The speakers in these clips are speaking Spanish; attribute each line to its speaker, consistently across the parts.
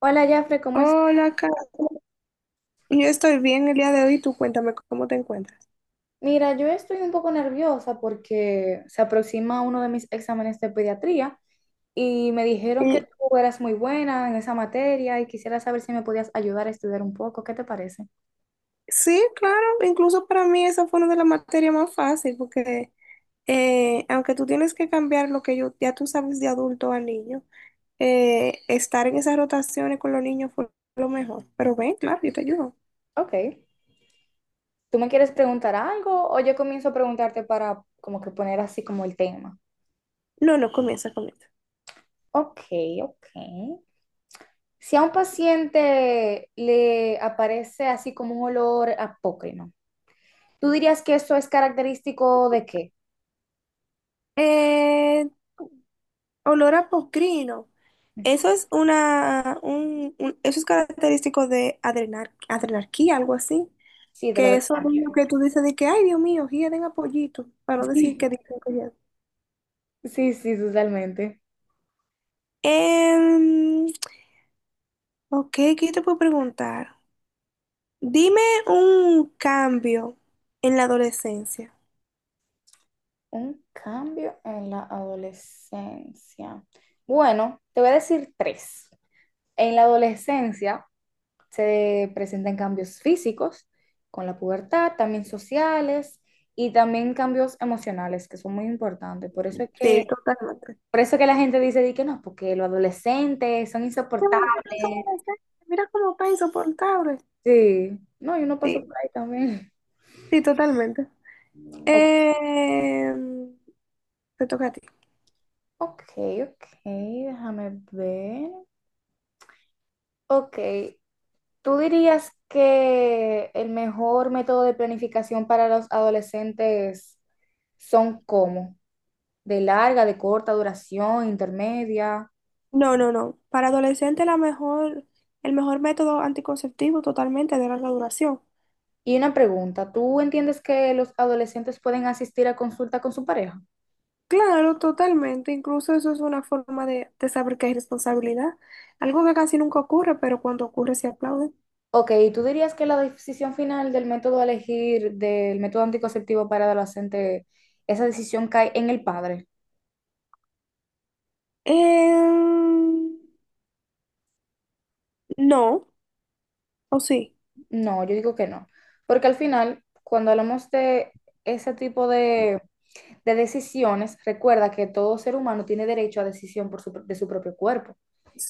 Speaker 1: Hola, Jafre, ¿cómo estás?
Speaker 2: Hola, Carlos. Yo estoy bien el día de hoy. Tú cuéntame cómo te encuentras.
Speaker 1: Mira, yo estoy un poco nerviosa porque se aproxima uno de mis exámenes de pediatría y me dijeron que
Speaker 2: Y,
Speaker 1: tú eras muy buena en esa materia y quisiera saber si me podías ayudar a estudiar un poco. ¿Qué te parece?
Speaker 2: sí, claro. Incluso para mí esa fue una de las materias más fáciles porque aunque tú tienes que cambiar lo que yo, ya tú sabes, de adulto a niño, estar en esas rotaciones con los niños fue lo mejor. Pero ven, claro, yo te ayudo.
Speaker 1: Ok. ¿Tú me quieres preguntar algo o yo comienzo a preguntarte para como que poner así como el tema?
Speaker 2: No, no, comienza, comienza.
Speaker 1: Ok, ok. Si a un paciente le aparece así como un olor apócrino, ¿tú dirías que eso es característico de qué?
Speaker 2: Eh, olor a pocrino. Eso es eso es característico de adrenarquía, algo así.
Speaker 1: Sí, de la
Speaker 2: Que eso es
Speaker 1: descarga.
Speaker 2: lo que tú dices de que, ay, Dios mío, quieren a pollito, para no decir
Speaker 1: Sí,
Speaker 2: que dicen que…
Speaker 1: sí, sí, totalmente.
Speaker 2: Eh, ok, ¿qué te puedo preguntar? Dime un cambio en la adolescencia.
Speaker 1: Un cambio en la adolescencia. Bueno, te voy a decir tres. En la adolescencia se presentan cambios físicos con la pubertad, también sociales y también cambios emocionales que son muy importantes. Por eso es que,
Speaker 2: Sí, totalmente.
Speaker 1: por eso es que la gente dice di que no, porque los adolescentes son
Speaker 2: Qué
Speaker 1: insoportables.
Speaker 2: bonito que son adolescentes. Mira cómo está insoportable.
Speaker 1: Sí, no, yo no paso
Speaker 2: Sí,
Speaker 1: por ahí también.
Speaker 2: sí, totalmente.
Speaker 1: O-
Speaker 2: Eh, te toca a ti.
Speaker 1: ok, ok, déjame ver. Ok, ¿tú dirías que el mejor método de planificación para los adolescentes son cómo? ¿De larga, de corta duración, intermedia?
Speaker 2: No, no, no. Para adolescentes la mejor, el mejor método anticonceptivo totalmente de larga duración.
Speaker 1: Y una pregunta, ¿tú entiendes que los adolescentes pueden asistir a consulta con su pareja?
Speaker 2: Claro, totalmente. Incluso eso es una forma de saber que hay responsabilidad. Algo que casi nunca ocurre, pero cuando ocurre se aplaude.
Speaker 1: Ok, ¿tú dirías que la decisión final del método a elegir del método anticonceptivo para adolescente, esa decisión cae en el padre?
Speaker 2: Em, no, o sí.
Speaker 1: No, yo digo que no, porque al final, cuando hablamos de ese tipo de decisiones, recuerda que todo ser humano tiene derecho a decisión por su, de su propio cuerpo,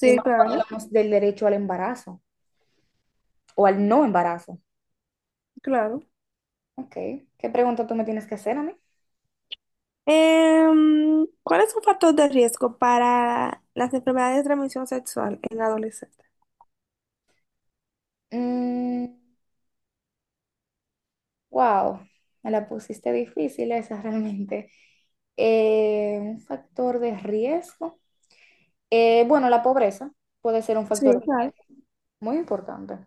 Speaker 1: y más cuando
Speaker 2: claro,
Speaker 1: hablamos del derecho al embarazo o al no embarazo.
Speaker 2: claro.
Speaker 1: Ok, ¿qué pregunta tú me tienes que hacer a mí?
Speaker 2: ¿Cuál es un factor de riesgo para las enfermedades de transmisión sexual en adolescentes?
Speaker 1: Mm, wow, me la pusiste difícil esa realmente. Un factor de riesgo. Bueno, la pobreza puede ser un
Speaker 2: Sí,
Speaker 1: factor
Speaker 2: claro.
Speaker 1: muy importante.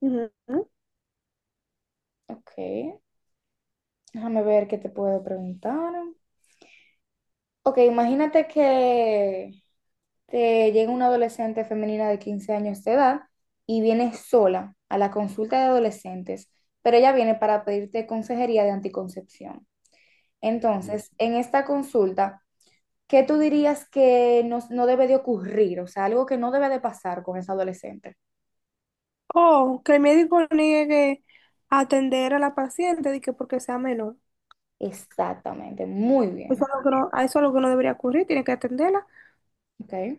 Speaker 2: Ujú.
Speaker 1: Ok, déjame ver qué te puedo preguntar. Ok, imagínate que llega una adolescente femenina de 15 años de edad y viene sola a la consulta de adolescentes, pero ella viene para pedirte consejería de anticoncepción. Entonces, en esta consulta, ¿qué tú dirías que no, no debe de ocurrir? O sea, algo que no debe de pasar con esa adolescente.
Speaker 2: O que el médico niegue atender a la paciente de que porque sea menor.
Speaker 1: Exactamente, muy
Speaker 2: Eso
Speaker 1: bien.
Speaker 2: es lo que no, a eso es lo que no debería ocurrir, tiene que atenderla.
Speaker 1: Ok.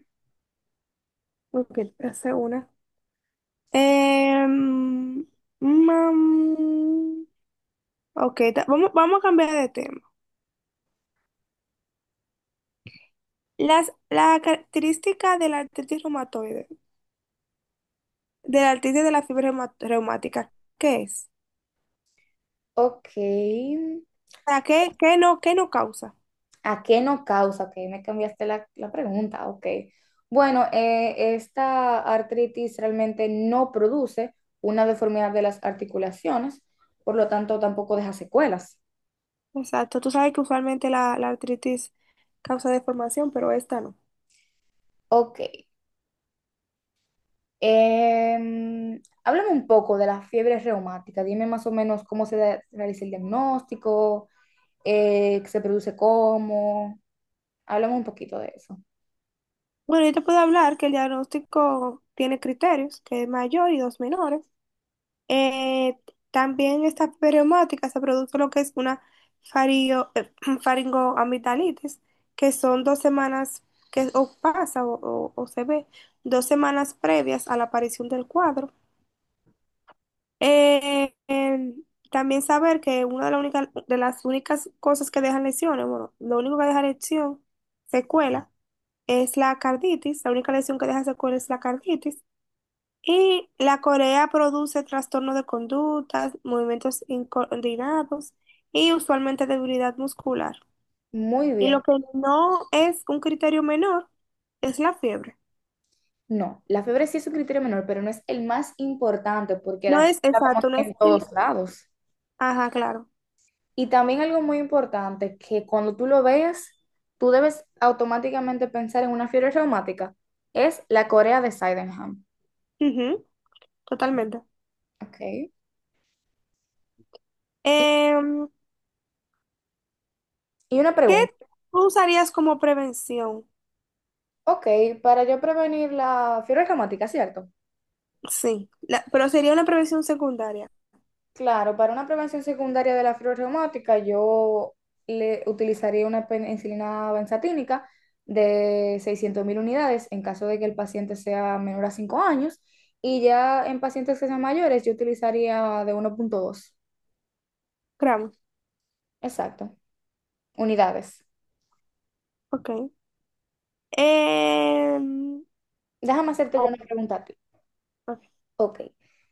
Speaker 2: Porque hace una. Em, mam, ok, vamos, vamos a cambiar de tema. La característica de la artritis reumatoide, de la artritis de la fiebre reumática, ¿qué es?
Speaker 1: Ok.
Speaker 2: O sea, ¿qué, qué no causa?
Speaker 1: ¿A qué no causa? Ok, me cambiaste la pregunta, ok. Bueno, esta artritis realmente no produce una deformidad de las articulaciones, por lo tanto tampoco deja secuelas.
Speaker 2: Exacto, tú sabes que usualmente la artritis causa deformación, pero esta no.
Speaker 1: Ok, háblame un poco de la fiebre reumática, dime más o menos cómo realiza el diagnóstico, qué se produce cómo, háblame un poquito de eso.
Speaker 2: Bueno, yo te puedo hablar que el diagnóstico tiene criterios, que es mayor y dos menores. Eh, también esta periomática se produce lo que es una fario- eh, faringoamigdalitis, que son dos semanas que o pasa o se ve, dos semanas previas a la aparición del cuadro. Eh, eh, también saber que de las únicas cosas que dejan lesiones, bueno, lo único que deja lesión, secuela, es la carditis. La única lesión que deja secuela es la carditis. Y la Corea produce trastorno de conductas, movimientos incoordinados y usualmente debilidad muscular.
Speaker 1: Muy
Speaker 2: Y lo
Speaker 1: bien.
Speaker 2: que no es un criterio menor es la fiebre.
Speaker 1: No, la fiebre sí es un criterio menor, pero no es el más importante porque
Speaker 2: No
Speaker 1: la fiebre
Speaker 2: es
Speaker 1: la vemos
Speaker 2: exacto, no es
Speaker 1: en
Speaker 2: el…
Speaker 1: todos lados.
Speaker 2: Ajá, claro.
Speaker 1: Y también algo muy importante, que cuando tú lo veas, tú debes automáticamente pensar en una fiebre reumática, es la corea de Sydenham.
Speaker 2: Ujú, totalmente.
Speaker 1: Ok. Y,
Speaker 2: Em,
Speaker 1: y una
Speaker 2: ¿Qué
Speaker 1: pregunta.
Speaker 2: tú usarías como prevención?
Speaker 1: Ok, para yo prevenir la fiebre reumática, ¿cierto?
Speaker 2: Sí, la- pero sería una prevención secundaria.
Speaker 1: Claro, para una prevención secundaria de la fiebre reumática, yo le utilizaría una penicilina benzatínica de 600,000 unidades en caso de que el paciente sea menor a 5 años. Y ya en pacientes que sean mayores, yo utilizaría de 1.2.
Speaker 2: Gramos.
Speaker 1: Exacto, unidades.
Speaker 2: Ok. Em,
Speaker 1: Déjame hacerte yo una
Speaker 2: ok.
Speaker 1: pregunta. Ok.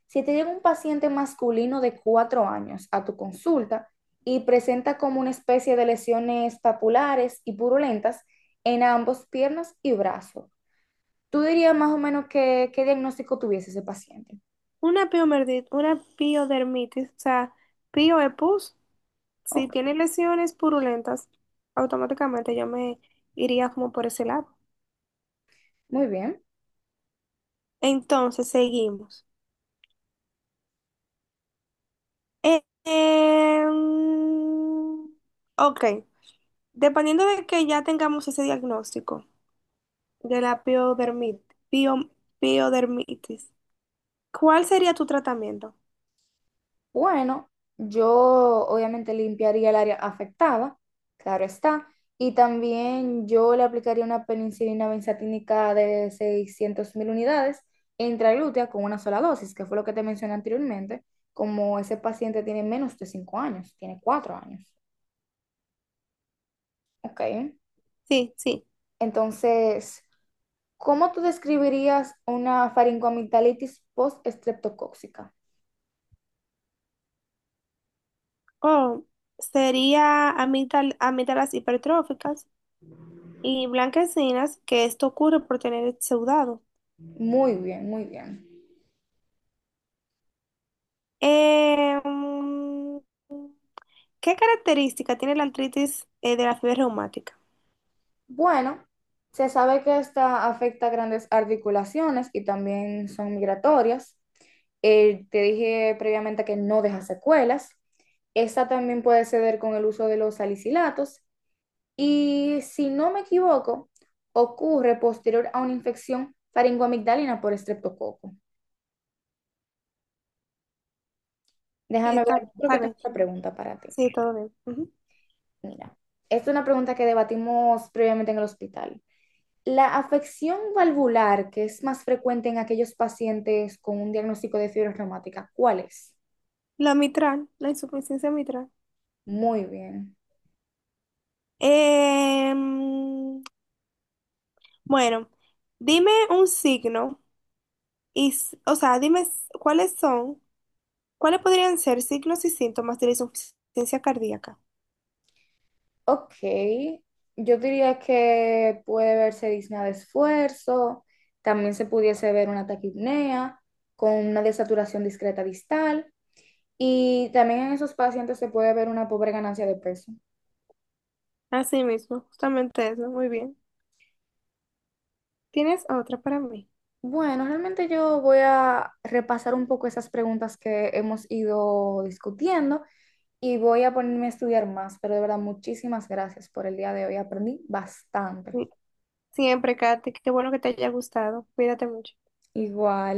Speaker 1: Si te llega un paciente masculino de 4 años a tu consulta y presenta como una especie de lesiones papulares y purulentas en ambos piernas y brazos, tú dirías más o menos qué diagnóstico tuviese ese paciente.
Speaker 2: Una una piodermitis, o sea, pio es pus. Si
Speaker 1: Ok,
Speaker 2: tiene lesiones purulentas, automáticamente yo me iría como por ese lado.
Speaker 1: muy bien.
Speaker 2: Entonces, seguimos. Eh, em, ok, dependiendo de que ya tengamos ese diagnóstico de la pio- piodermitis, ¿cuál sería tu tratamiento?
Speaker 1: Bueno, yo obviamente limpiaría el área afectada, claro está, y también yo le aplicaría una penicilina benzatínica de 600.000 unidades intraglútea con una sola dosis, que fue lo que te mencioné anteriormente, como ese paciente tiene menos de 5 años, tiene 4 años, ¿ok?
Speaker 2: Sí, sí.
Speaker 1: Entonces, ¿cómo tú describirías una faringoamigdalitis postestreptocóxica?
Speaker 2: O sería amígdalas hipertróficas y blanquecinas, que esto ocurre por tener el exudado.
Speaker 1: Muy bien, muy bien.
Speaker 2: Em, ¿Qué característica tiene la artritis de la fiebre reumática?
Speaker 1: Bueno, se sabe que esta afecta grandes articulaciones y también son migratorias. Te dije previamente que no deja secuelas. Esta también puede ceder con el uso de los salicilatos. Y si no me equivoco, ocurre posterior a una infección faringoamigdalina por estreptococo.
Speaker 2: Sí,
Speaker 1: Déjame
Speaker 2: está
Speaker 1: ver,
Speaker 2: bien,
Speaker 1: yo creo que
Speaker 2: está
Speaker 1: tengo
Speaker 2: bien.
Speaker 1: una pregunta para ti.
Speaker 2: Sí, todo bien. Ujú.
Speaker 1: Mira, esta es una pregunta que debatimos previamente en el hospital. La afección valvular, que es más frecuente en aquellos pacientes con un diagnóstico de fibra reumática, ¿cuál es?
Speaker 2: La mitral, la insuficiencia mitral.
Speaker 1: Muy bien.
Speaker 2: Em, bueno, dime un signo o sea, cuáles son, cuáles podrían ser signos y síntomas de la insuficiencia cardíaca.
Speaker 1: Ok, yo diría que puede verse disnea de esfuerzo, también se pudiese ver una taquipnea con una desaturación discreta distal y también en esos pacientes se puede ver una pobre ganancia de peso.
Speaker 2: Así mismo, justamente eso, muy bien. ¿Tienes otra para mí?
Speaker 1: Bueno, realmente yo voy a repasar un poco esas preguntas que hemos ido discutiendo. Y voy a ponerme a estudiar más, pero de verdad, muchísimas gracias por el día de hoy. Aprendí bastante.
Speaker 2: Sí, siempre, Katy, qué bueno que te haya gustado. Cuídate mucho.
Speaker 1: Igual.